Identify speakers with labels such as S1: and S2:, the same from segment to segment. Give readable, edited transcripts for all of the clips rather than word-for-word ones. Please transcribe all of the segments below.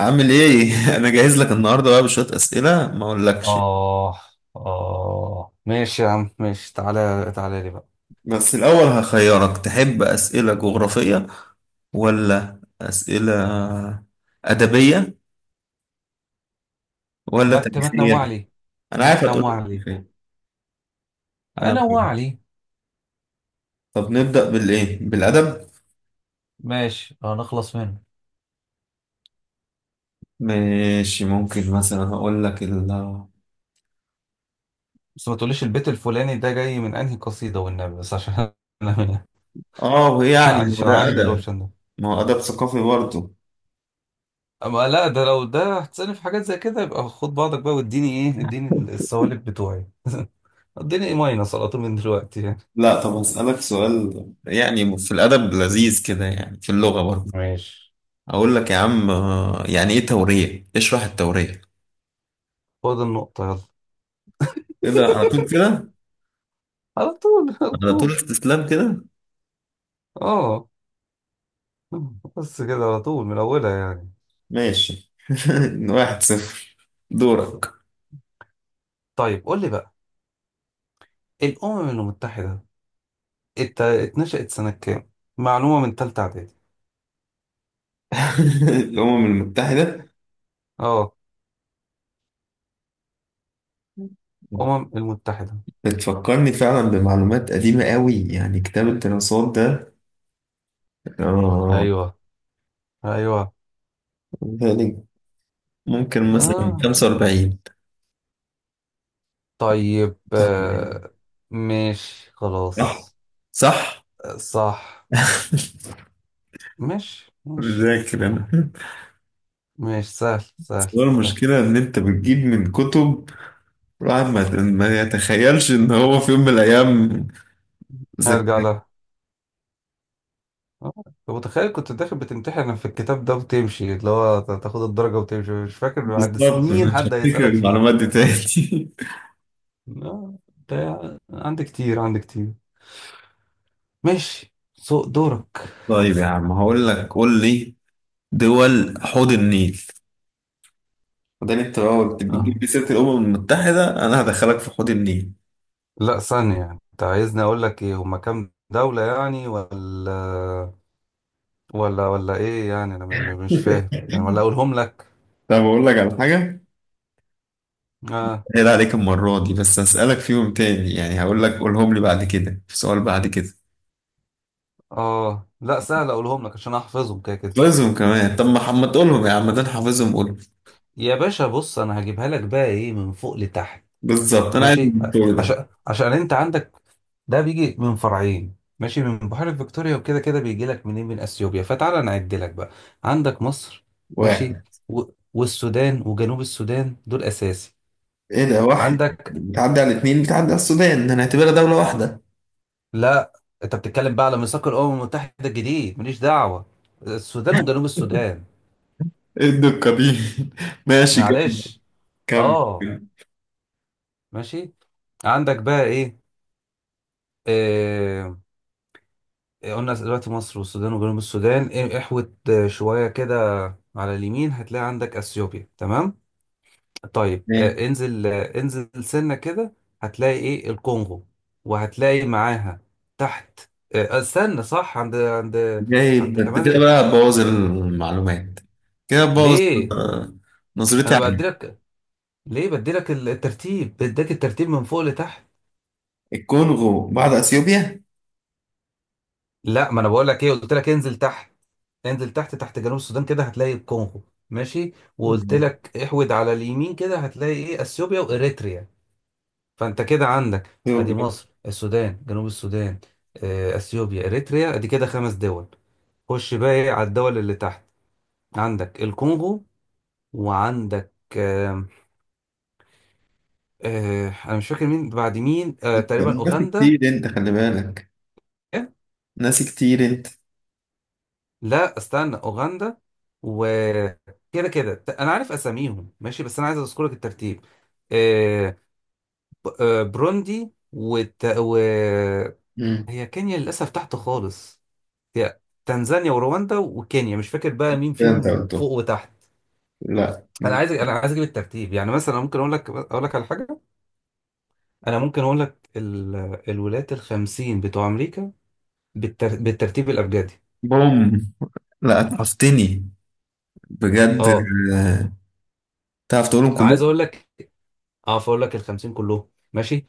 S1: عامل ايه؟ انا جاهز لك النهارده بقى بشوية اسئلة ما اقولكش
S2: آه آه ماشي يا عم، ماشي. تعالى تعالى لي بقى.
S1: بس الاول هخيرك تحب اسئلة جغرافية ولا اسئلة ادبية ولا
S2: ما تنوع
S1: تاريخية؟
S2: لي،
S1: انا
S2: ما
S1: عارف هتقول لي
S2: تنوع لي،
S1: تاريخية انا.
S2: أنوع لي.
S1: طب نبدأ بالايه؟ بالادب؟
S2: ماشي، هنخلص منه.
S1: ماشي ممكن مثلا هقول لك ال
S2: بس ما تقوليش البيت الفلاني ده جاي من أنهي قصيدة والنبي، بس عشان أنا من-
S1: اه يعني ما هو
S2: عشان
S1: ده
S2: عندي
S1: ادب،
S2: الأوبشن ده.
S1: ما هو ادب ثقافي برضه.
S2: أما لا، ده لو ده هتسألني في حاجات زي كده يبقى خد بعضك بقى، واديني إيه، اديني السوالف بتوعي اديني إيه ماينس على طول من دلوقتي يعني.
S1: لا طب هسألك سؤال، يعني في الادب لذيذ كده، يعني في اللغة برضه.
S2: ماشي،
S1: اقول لك يا عم آه، يعني ايه تورية؟ اشرح التورية
S2: خد النقطة يلا.
S1: كده على طول، كده
S2: على طول على
S1: على طول
S2: طول.
S1: استسلام كده؟
S2: آه بس كده على طول من أولها يعني.
S1: ماشي. واحد صفر. دورك.
S2: طيب قول لي بقى، الأمم المتحدة اتنشأت سنة كام؟ معلومة من تالتة إعدادي.
S1: الأمم المتحدة
S2: اه، أمم المتحدة.
S1: بتفكرني فعلا بمعلومات قديمة قوي، يعني كتاب الدراسات ده. اه،
S2: أيوه، أيوه.
S1: يعني ممكن مثلا
S2: آه
S1: 45.
S2: طيب،
S1: طب،
S2: ماشي خلاص.
S1: صح صح.
S2: آه، صح. ماشي ماشي
S1: بذاكر انا.
S2: ماشي، سهل سهل
S1: هو
S2: سهل.
S1: المشكلة إن أنت بتجيب من كتب الواحد ما يتخيلش ان هو في يوم من الايام
S2: هرجع
S1: ذك...
S2: لها. آه، طب متخيل كنت داخل بتمتحن في الكتاب ده وتمشي، اللي هو تاخد الدرجة وتمشي مش فاكر بعد
S1: بالظبط
S2: سنين
S1: انا مش
S2: حد
S1: هفتكر
S2: هيسألك
S1: المعلومات
S2: فيه.
S1: دي تاني.
S2: لا انت، عندك كتير، عندك كتير. ماشي، سوق دورك.
S1: طيب يا عم هقول لك، قول لي دول حوض النيل. ده انت لو بتجيب
S2: آه.
S1: لي سيره الامم المتحده انا هدخلك في حوض النيل.
S2: لا ثانية يعني. انت عايزني اقول لك ايه، هما كام دولة يعني، ولا ولا ايه يعني، انا مش فاهم يعني، ولا اقولهم لك؟
S1: طب اقول لك على حاجه،
S2: اه،
S1: هي عليك المره دي بس، هسالك فيهم تاني، يعني هقول لك قولهم لي بعد كده في سؤال بعد كده.
S2: اه، لا سهل اقولهم لك عشان احفظهم كده كده.
S1: حافظهم كمان؟ طب ما تقولهم يا عم، ده انا حافظهم، قول.
S2: يا باشا بص، انا هجيبها لك بقى ايه من فوق لتحت.
S1: بالظبط انا عايز
S2: ماشي،
S1: الدور ده.
S2: عشان انت عندك، ده بيجي من فرعين، ماشي، من بحيرة فيكتوريا، وكده كده بيجي لك منين من اثيوبيا. فتعالى نعد لك بقى. عندك مصر، ماشي،
S1: واحد.
S2: و... والسودان وجنوب السودان، دول اساسي.
S1: ايه ده واحد؟
S2: عندك،
S1: بتعدي على اتنين، بتعدي على السودان، هنعتبرها دولة واحدة.
S2: لا انت بتتكلم بقى على ميثاق الامم المتحدة الجديد، ماليش دعوة، السودان وجنوب السودان.
S1: ايه الدقة دي؟ ماشي، كمل.
S2: معلش.
S1: كمل.
S2: اه، ماشي. عندك بقى ايه، آه... قلنا دلوقتي مصر والسودان وجنوب السودان احوت، شوية كده. على اليمين هتلاقي عندك اثيوبيا، تمام؟ طيب
S1: ايه
S2: انزل سنة كده، هتلاقي ايه، الكونغو، وهتلاقي معاها تحت. استنى صح، عند عند
S1: جايب انت كده؟
S2: كمان.
S1: بقى هتبوظ المعلومات، كده هتبوظ.
S2: ليه؟
S1: آه، نظرتي
S2: انا
S1: عنك.
S2: بديلك، ليه بديلك الترتيب، بديك الترتيب من فوق لتحت.
S1: الكونغو بعد اثيوبيا؟
S2: لا ما انا بقول لك ايه، قلت لك انزل تحت، انزل تحت، تحت جنوب السودان كده هتلاقي الكونغو، ماشي، وقلت لك احود على اليمين كده هتلاقي ايه، اثيوبيا واريتريا. فانت كده عندك، ادي
S1: اثيوبيا.
S2: مصر، السودان، جنوب السودان، اثيوبيا، اريتريا، ادي كده خمس دول. خش بقى إيه على الدول اللي تحت، عندك الكونغو، وعندك، انا مش فاكر مين بعد مين.
S1: انت
S2: تقريبا
S1: ناسي
S2: اوغندا.
S1: كتير انت، خلي بالك.
S2: إيه؟
S1: ناسي كتير انت.
S2: لا استنى، اوغندا، وكده كده انا عارف اساميهم ماشي، بس انا عايز اذكر لك الترتيب. آه بروندي
S1: مم.
S2: هي كينيا للاسف تحت خالص، هي تنزانيا ورواندا وكينيا، مش فاكر بقى مين
S1: كده انت
S2: فيهم
S1: قلته.
S2: فوق وتحت.
S1: لا.
S2: انا عايز اجيب الترتيب، يعني مثلا ممكن اقول لك على حاجه. انا ممكن اقول لك الولايات الخمسين بتوع امريكا بالترتيب الابجدي.
S1: بوم. لا اتعفتني، بجد.
S2: اه
S1: آه، تعرف تقولهم
S2: انا
S1: كلهم؟
S2: عايز اقول لك، اه فاقول لك الخمسين كلهم ماشي.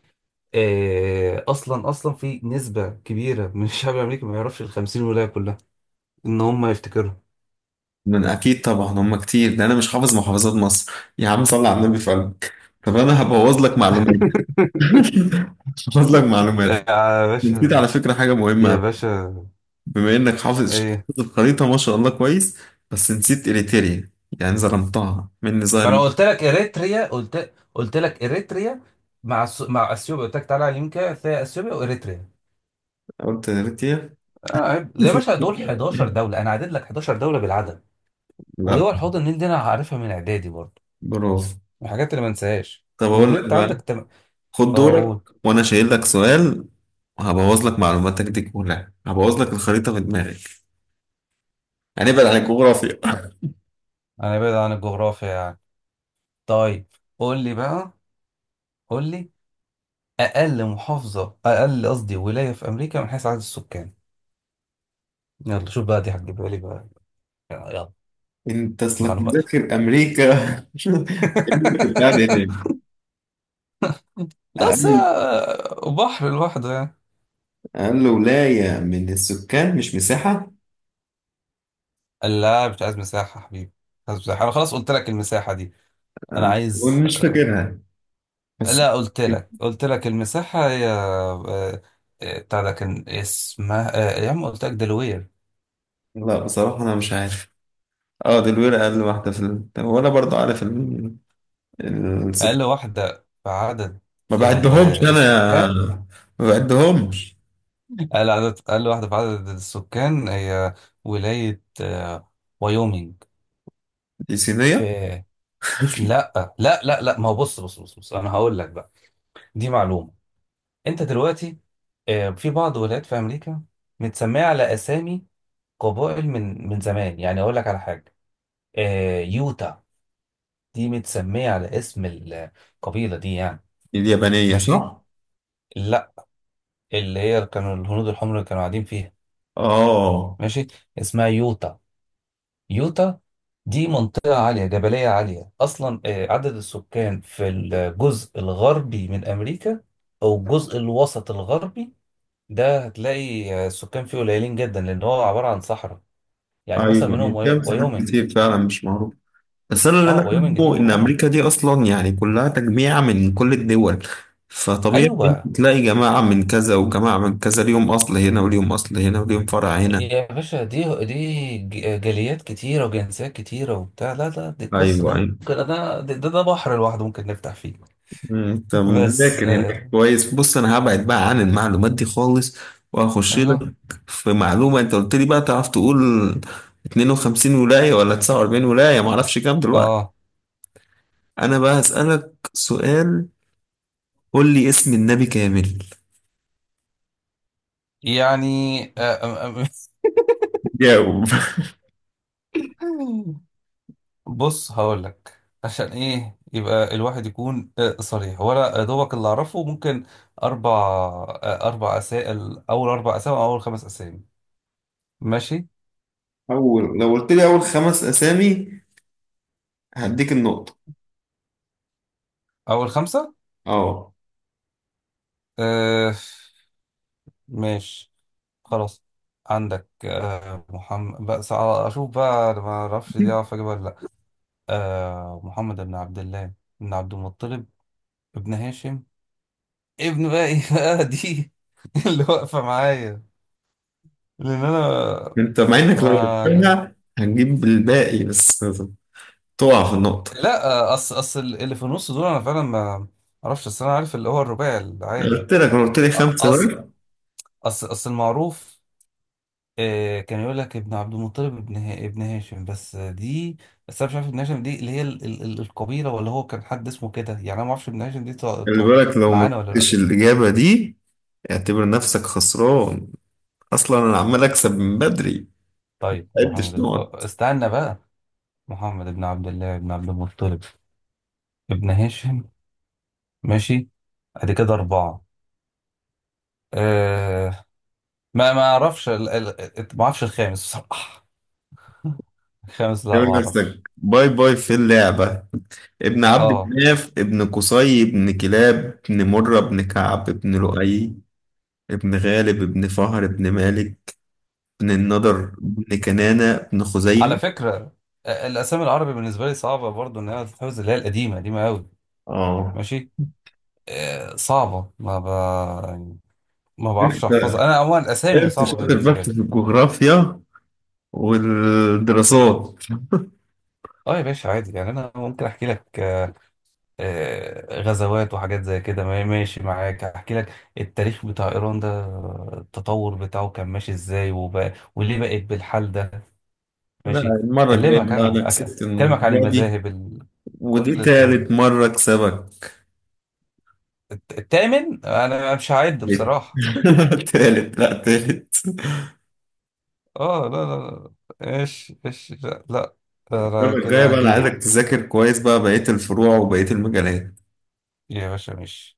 S2: آه اصلا اصلا في نسبه كبيره من الشعب الامريكي ما يعرفش الخمسين ولايه كلها ان هم يفتكروا.
S1: من اكيد طبعا هم كتير، ده انا مش حافظ محافظات مصر، يا عم صل على النبي في قلبك. طب انا هبوظ لك معلومات. هبوظ لك معلومات.
S2: آه، يا
S1: نسيت
S2: باشا،
S1: على فكره حاجه مهمه
S2: يا
S1: أوي.
S2: باشا،
S1: بما انك حافظ
S2: ايه؟
S1: الخريطه ما شاء الله كويس، بس نسيت اريتريا، يعني ظلمتها. مني ظاهر
S2: ما انا
S1: مني.
S2: قلت لك اريتريا، قلت لك اريتريا، مع اثيوبيا. قلت لك تعالى على اليمين كده هتلاقي اثيوبيا واريتريا.
S1: قلت اريتريا.
S2: اه عيب. يا باشا دول 11 دوله، انا عدد لك 11 دوله بالعدد،
S1: لا،
S2: ودول حوض النيل دي انا عارفها من اعدادي برضه،
S1: برافو.
S2: من الحاجات اللي ما انساهاش.
S1: طب اقول
S2: لان
S1: لك
S2: انت
S1: بقى،
S2: عندك
S1: خد
S2: اه
S1: دورك.
S2: قول.
S1: وانا شايل لك سؤال، وهبوظ لك معلوماتك دي كلها، هبوظ لك الخريطه في دماغك. هنبعد عن الجغرافيا.
S2: انا بعيد عن الجغرافيا يعني. طيب قول لي بقى قول لي، اقل، قصدي، ولايه في امريكا من حيث عدد السكان. يلا شوف بقى، دي هتجيبها لي بقى. يلا.
S1: انت اصلك
S2: معلومات
S1: مذاكر امريكا. أمريكا بتاع ده يعني.
S2: لا بس هي
S1: اقل،
S2: بحر لوحده يعني.
S1: اقل ولايه من السكان مش مساحه.
S2: قال لا، مش عايز مساحة حبيبي، مش عايز مساحة، أنا خلاص قلت لك المساحة دي. أنا عايز،
S1: أنا مش فاكرها بس.
S2: لا قلت لك، المساحة هي، بتاع ده كان اسمها، يا عم قلت لك دلوير.
S1: لا بصراحه انا مش عارف. اه دي الولايه اقل واحده في هو انا برضو عارف السكان.
S2: أقل واحدة في عدد
S1: ما بعدهمش انا،
S2: السكان.
S1: ما بعدهمش.
S2: أقل واحدة في عدد السكان هي ولاية وايومينج.
S1: دي صينيه.
S2: في، لا لا لا لا، ما هو بص بص بص بص، أنا هقول لك بقى، دي معلومة. انت دلوقتي، في بعض ولايات في امريكا متسميه على اسامي قبائل من زمان. يعني اقول لك على حاجه، يوتا، دي متسميه على اسم القبيله دي يعني.
S1: دي اليابانيه
S2: ماشي.
S1: صح.
S2: لا اللي هي كانوا الهنود الحمر اللي كانوا قاعدين فيها.
S1: اه
S2: ماشي، اسمها يوتا. يوتا دي منطقه عاليه، جبليه عاليه اصلا. عدد السكان في الجزء الغربي من امريكا او الجزء الوسط الغربي ده، هتلاقي السكان فيه قليلين جدا لان هو عباره عن صحراء. يعني مثلا
S1: ايوه،
S2: منهم
S1: دي مساحات
S2: وايومنج.
S1: كتير فعلا مش معروفه. بس انا اللي انا
S2: اه وايومنج دي
S1: فاهمه ان
S2: وهم.
S1: امريكا دي اصلا يعني كلها تجميع من كل الدول، فطبيعي إنت
S2: ايوه
S1: تلاقي جماعة من كذا وجماعة من كذا، ليهم اصل هنا وليهم اصل هنا وليهم فرع هنا.
S2: يا باشا، دي جاليات كتيره وجنسيات كتيره وبتاع. لا لا، دي القصه دي
S1: ايوه ايوه.
S2: ممكن، ده ده بحر لوحده، ممكن نفتح فيه.
S1: طب
S2: بس
S1: مذاكر هناك كويس. بص انا هبعد بقى عن المعلومات دي خالص، واخش لك
S2: ايوه.
S1: في معلومة. انت قلت لي بقى تعرف تقول 52 ولاية ولا 49 ولاية، معرفش كام دلوقتي.
S2: اه
S1: انا بقى هسألك سؤال، قول لي اسم النبي كامل.
S2: يعني آم-
S1: جاوب.
S2: آم- بص هقول لك عشان ايه يبقى الواحد يكون صريح، ولا دوبك اللي اعرفه ممكن اربع، اسئله، اول اربع اسامي او اول خمس اسامي. ماشي،
S1: اول، لو قلت لي اول خمس اسامي هديك النقطة.
S2: اول خمسه.
S1: اه.
S2: آه ماشي خلاص. عندك محمد. بس اشوف بقى أنا ما اعرفش دي اعرف اجيبها ولا لا. محمد بن عبد الله بن عبد المطلب ابن هاشم، ابن بقى ايه بقى دي اللي واقفه معايا. لان انا،
S1: انت مع انك لو
S2: ما،
S1: جبتها هتجيب الباقي، بس تقع في النقطة.
S2: لا، اصل اللي في النص دول انا فعلا ما اعرفش، اصل انا عارف اللي هو الرباعي العادي.
S1: قلت لك لو قلت لي خمسة
S2: اصل
S1: بقى.
S2: اصل المعروف. كان يقول لك ابن عبد المطلب ابن هاشم بس. دي، بس انا مش عارف ابن هاشم دي اللي هي ال القبيله، ولا هو كان حد اسمه كده يعني. انا ما اعرفش ابن هاشم دي
S1: خلي بالك لو ما
S2: معانا ولا لا.
S1: جبتش الإجابة دي، اعتبر نفسك خسران، أصلا أنا عمال أكسب من بدري، ما
S2: طيب محمد
S1: عدتش
S2: ابن
S1: نقط.
S2: استنى بقى. محمد ابن عبد الله ابن عبد المطلب ابن هاشم، ماشي، ادي كده اربعه. أه، ما اعرفش ما اعرفش الخامس بصراحه الخامس، لا ما
S1: اعتبر
S2: اعرفش.
S1: نفسك باي باي في اللعبة. ابن عبد
S2: اه،
S1: مناف، ابن قصي، ابن كلاب، ابن مرة، ابن كعب، ابن لؤي، ابن غالب، ابن فهر، ابن مالك، بن النضر، بن كنانة، بن
S2: على
S1: خزيمة.
S2: فكره، الاسامي العربي بالنسبه لي صعبه برضو ان هي تتحفظ، اللي هي القديمه قديمه قوي.
S1: اه.
S2: ماشي، صعبة، ما ب... يعني ما بعرفش
S1: انت،
S2: احفظها. انا عموما الاسامي
S1: انت
S2: صعبة
S1: شاطر
S2: بالنسبة
S1: بس
S2: لي.
S1: في الجغرافيا والدراسات.
S2: اه يا باشا، عادي يعني. انا ممكن احكي لك غزوات وحاجات زي كده، ماشي معاك، احكي لك التاريخ بتاع ايران ده، التطور بتاعه كان ماشي ازاي وبقى وليه بقت بالحال ده.
S1: لا
S2: ماشي،
S1: المرة الجاية
S2: اكلمك،
S1: بقى،
S2: انا
S1: انا كسبت
S2: اكلمك عن
S1: المرة دي،
S2: المذاهب
S1: ودي
S2: كل الحاجات دي.
S1: تالت مرة اكسبك.
S2: التامن انا مش هعد بصراحة
S1: تالت، لا تالت.
S2: اه لا لا، لا ايش ايش لا لا، انا
S1: المرة الجاية
S2: كده
S1: بقى انا عايزك
S2: هجيلك.
S1: تذاكر كويس بقى بقية الفروع وبقية المجالات.
S2: يا باشا ماشي